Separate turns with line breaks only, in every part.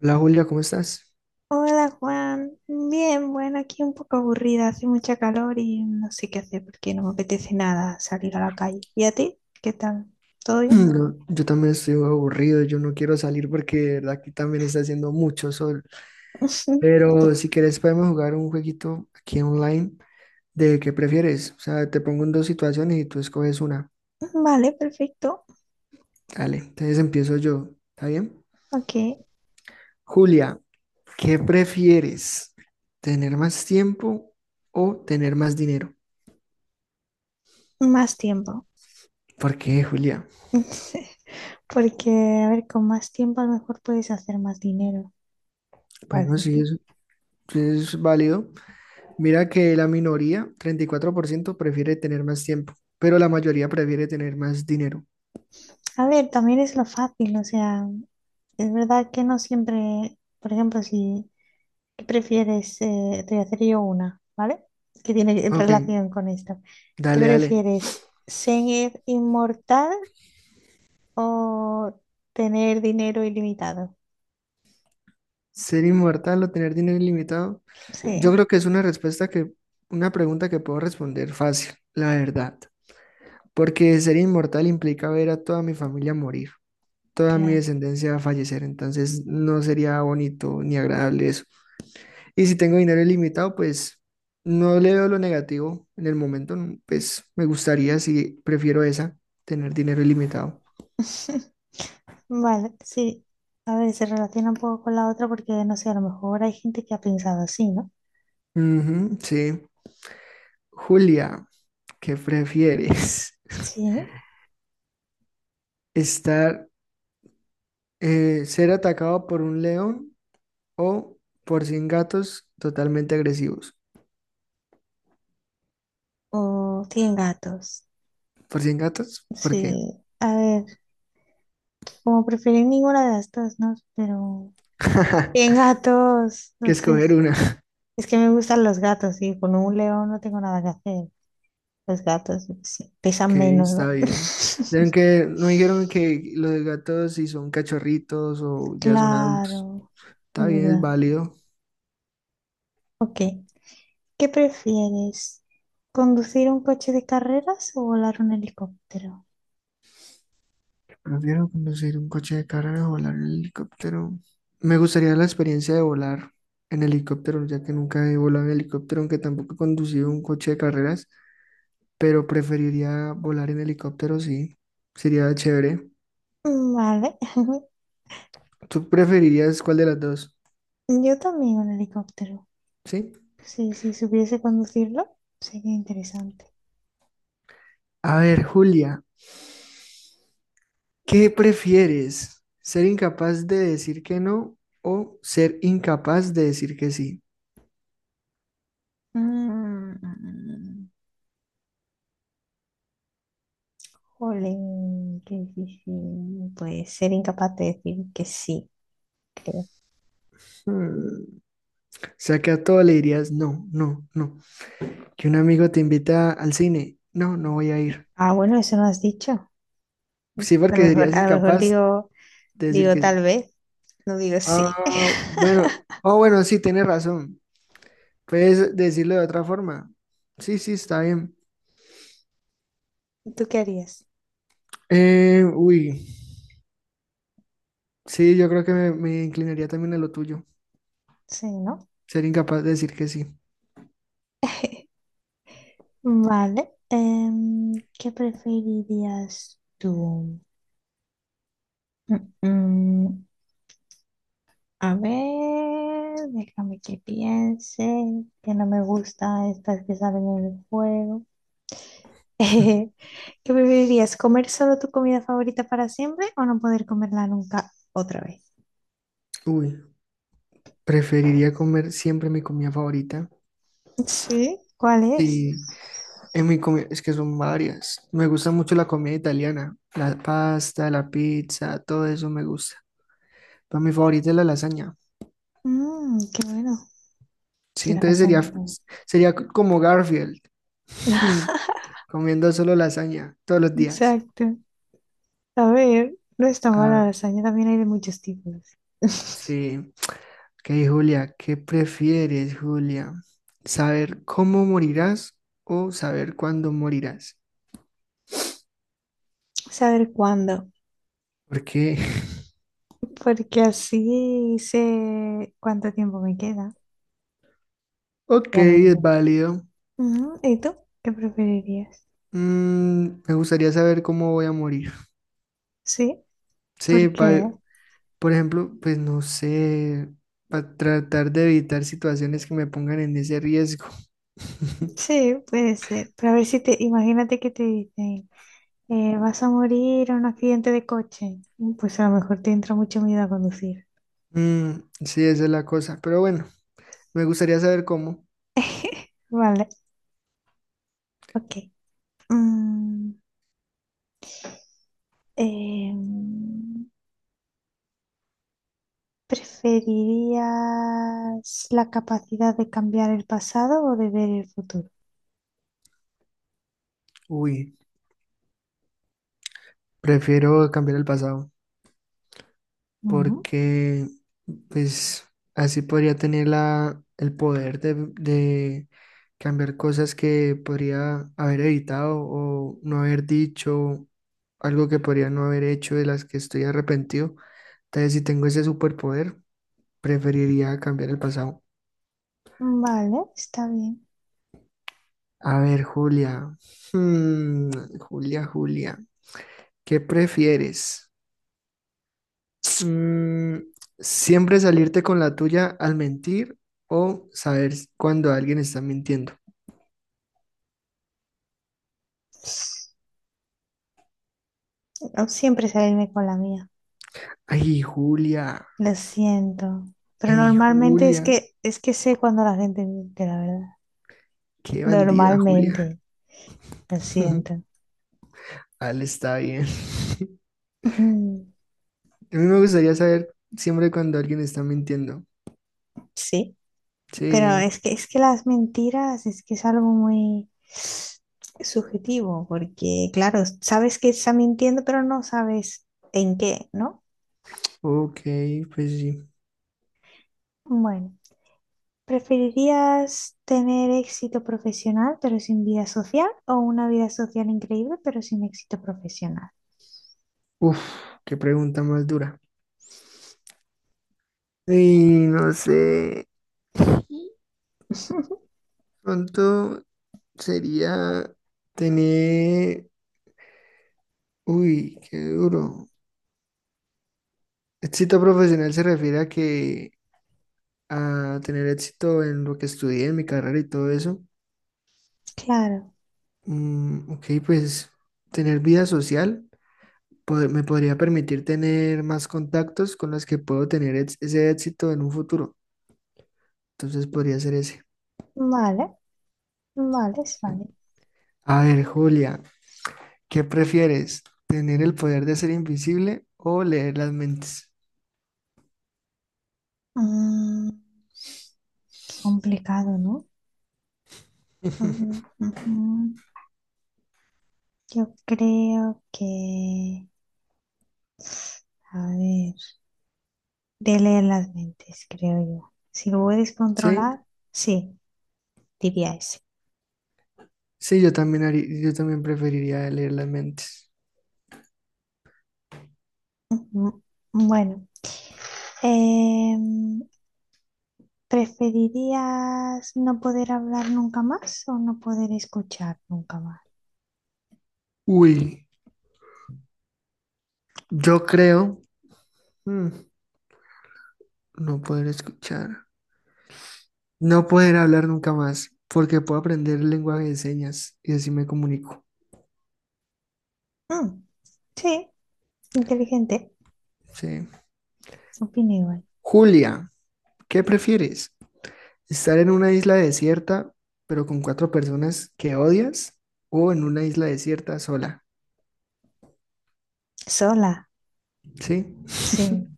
Hola Julia, ¿cómo estás?
Hola Juan, bien, bueno, aquí un poco aburrida, hace mucha calor y no sé qué hacer porque no me apetece nada salir a la calle. ¿Y a ti? ¿Qué tal? ¿Todo bien?
No, yo también estoy aburrido, yo no quiero salir porque de verdad aquí también está haciendo mucho sol. Pero si
Pues,
quieres podemos jugar un jueguito aquí online de qué prefieres. O sea, te pongo en dos situaciones y tú escoges una.
vale, perfecto.
Dale, entonces empiezo yo, ¿está bien?
Ok,
Julia, ¿qué prefieres? ¿Tener más tiempo o tener más dinero?
más tiempo.
¿Por qué, Julia?
Porque, a ver, con más tiempo a lo mejor puedes hacer más dinero.
Bueno,
Así
sí,
que,
sí es válido. Mira que la minoría, 34%, prefiere tener más tiempo, pero la mayoría prefiere tener más dinero.
a ver, también es lo fácil, o sea, es verdad que no siempre, por ejemplo, si... ¿Qué prefieres? Te voy a hacer yo una, ¿vale? Que tiene
Ok,
relación con esta. ¿Qué
dale, dale.
prefieres? ¿Ser inmortal o tener dinero ilimitado?
¿Ser inmortal o tener dinero ilimitado? Yo
Sí,
creo que es una una pregunta que puedo responder fácil, la verdad. Porque ser inmortal implica ver a toda mi familia morir, toda mi
claro.
descendencia fallecer, entonces no sería bonito ni agradable eso. Y si tengo dinero ilimitado, pues no le veo lo negativo en el momento. No, pues me gustaría, si prefiero esa, tener dinero ilimitado.
Vale, sí. A ver, se relaciona un poco con la otra porque, no sé, a lo mejor hay gente que ha pensado así, ¿no?
Ujú, sí. Julia, ¿qué prefieres?
Sí.
¿Estar, ser atacado por un león o por 100 gatos totalmente agresivos?
O tienen gatos.
¿Por cien gatos? ¿Por qué?
Sí. A ver, como preferir ninguna de las dos, ¿no? Pero... Tienen gatos,
Que
no sé,
escoger una.
es que me gustan los gatos y con un león no tengo nada que hacer. Los gatos sí, pesan
Ok,
menos,
está
¿no?
bien. Dijeron que, no dijeron que los gatos si son cachorritos o ya son adultos.
Claro,
Está
es
bien, es
verdad.
válido.
Ok, ¿qué prefieres? ¿Conducir un coche de carreras o volar un helicóptero?
Prefiero conducir un coche de carrera o volar en helicóptero. Me gustaría la experiencia de volar en helicóptero, ya que nunca he volado en helicóptero, aunque tampoco he conducido un coche de carreras, pero preferiría volar en helicóptero, sí. Sería chévere.
Vale,
¿Tú preferirías cuál de las dos?
yo también un helicóptero.
Sí.
Sí, si supiese conducirlo, sería interesante.
A ver, Julia, ¿qué prefieres? ¿Ser incapaz de decir que no o ser incapaz de decir que sí?
Mm, jolín, qué difícil. Pues ser incapaz de decir que sí.
Hmm, O sea que a todo le dirías no, no, no. Que un amigo te invita al cine. No, no voy a ir.
Ah, bueno, eso no has dicho.
Sí, porque serías
A lo mejor
incapaz
digo,
de decir
digo
que
tal
sí.
vez, no digo sí.
Ah, bueno, oh, bueno, sí, tienes razón. Puedes decirlo de otra forma. Sí, sí, está bien.
¿Tú qué harías?
Uy, sí, yo creo que me inclinaría también a lo tuyo.
Sí, ¿no?
Ser incapaz de decir que sí.
Vale. ¿Qué preferirías tú? Mm, mm, a ver, déjame que piense, que no me gusta estas que salen en el juego. ¿Qué preferirías? ¿Comer solo tu comida favorita para siempre o no poder comerla nunca otra vez?
Uy, preferiría comer siempre mi comida favorita.
Sí, ¿cuál es?
Sí, es que son varias. Me gusta mucho la comida italiana, la pasta, la pizza, todo eso me gusta. Pero mi favorita es la lasaña.
Mm, qué bueno.
Sí,
Sí, la
entonces sería,
lasaña está bien.
sería como Garfield, comiendo solo lasaña todos los días.
Exacto. A ver, no está mala
Ah,
la lasaña, también hay de muchos tipos.
sí. Ok, Julia, ¿qué prefieres, Julia? ¿Saber cómo morirás o saber cuándo morirás?
Saber cuándo,
Porque,
porque así sé cuánto tiempo me queda.
ok,
Ya lo
es
veo.
válido.
Ujú, ¿y tú? ¿Qué preferirías?
Me gustaría saber cómo voy a morir.
Sí,
Sí,
porque
por ejemplo, pues no sé, para tratar de evitar situaciones que me pongan en ese riesgo.
sí, puede ser. Pero a ver si te, imagínate que te dicen, vas a morir en un accidente de coche. Pues a lo mejor te entra mucho miedo a conducir.
Mm, sí, esa es la cosa. Pero bueno. Me gustaría saber cómo.
Vale, ok. Mm, Em, ¿Preferirías la capacidad de cambiar el pasado o de ver el futuro?
Uy, prefiero cambiar el pasado
Ujú.
porque pues así podría tener la, el poder de cambiar cosas que podría haber evitado o no haber dicho, algo que podría no haber hecho de las que estoy arrepentido. Entonces, si tengo ese superpoder, preferiría cambiar el pasado.
Vale, está bien.
A ver, Julia. Hmm, Julia, Julia, ¿qué prefieres? Mm, Siempre salirte con la tuya al mentir o saber cuando alguien está mintiendo.
No siempre salirme con la mía.
Ay, Julia,
Lo siento. Pero
ay,
normalmente es
Julia,
que es que sé cuando la gente miente, la verdad.
qué bandida, Julia.
Normalmente. Lo siento.
Al está bien.
Ujú.
A mí me gustaría saber siempre cuando alguien está mintiendo.
Sí. Pero
Sí,
es que las mentiras es que es algo muy subjetivo, porque claro, sabes que está mintiendo, pero no sabes en qué, ¿no?
ok, pues sí.
Bueno, ¿preferirías tener éxito profesional pero sin vida social o una vida social increíble pero sin éxito profesional?
Uf, qué pregunta más dura. Y no sé, pronto sería tener. Uy, qué duro. Éxito profesional se refiere a tener éxito en lo que estudié, en mi carrera y todo eso.
Claro,
Ok, pues tener vida social me podría permitir tener más contactos con los que puedo tener ese éxito en un futuro. Entonces podría ser ese.
vale, vale, es
¿Sí?
vale.
A ver, Julia, ¿qué prefieres? ¿Tener el poder de ser invisible o leer las mentes?
Mm, qué complicado, ¿no? Ujú, ujú. Yo creo que, a ver, de leer las mentes, creo yo. Si lo puedes controlar,
Sí,
sí, diría ese.
sí, yo también preferiría leer las mentes.
Mm, Bueno, em, ¿preferirías no poder hablar nunca más o no poder escuchar nunca más?
Uy, yo creo. hmm, No poder escuchar. No poder hablar nunca más, porque puedo aprender lenguaje de señas y así me comunico.
Mm, sí, inteligente,
Sí.
opino igual.
Julia, ¿qué prefieres? ¿Estar en una isla desierta, pero con cuatro personas que odias? ¿O en una isla desierta sola?
Sola,
Sí.
sí.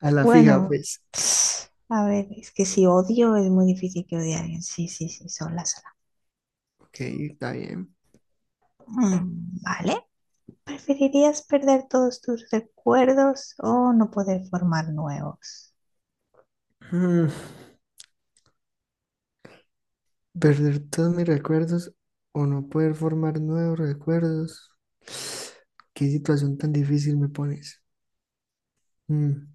A la fija,
Bueno,
pues.
a ver, es que si odio es muy difícil que odie a alguien. Sí, sí, sí, sola, sola.
Ok, está bien.
Mm, vale. ¿Preferirías perder todos tus recuerdos o no poder formar nuevos?
Mm, ¿Perder todos mis recuerdos o no poder formar nuevos recuerdos? ¿Qué situación tan difícil me pones? Mm.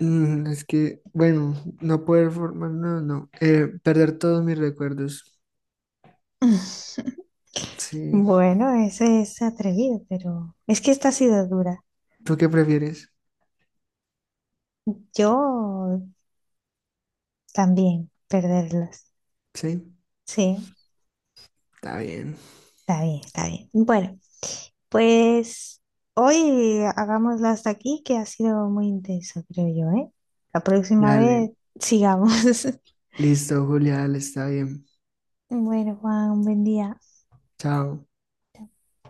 Es que, bueno, no poder formar, no, no, perder todos mis recuerdos. Sí,
Bueno, ese es atrevido, pero es que esta ha sido dura.
¿tú qué prefieres?
Yo también perderlos.
Sí,
Sí,
está bien.
está bien, está bien. Bueno, pues hoy hagámoslo hasta aquí, que ha sido muy intenso, creo yo, ¿eh? La próxima
Dale,
vez sigamos.
listo, Julia, dale, está bien.
Bueno, Juan, un buen día.
Chao.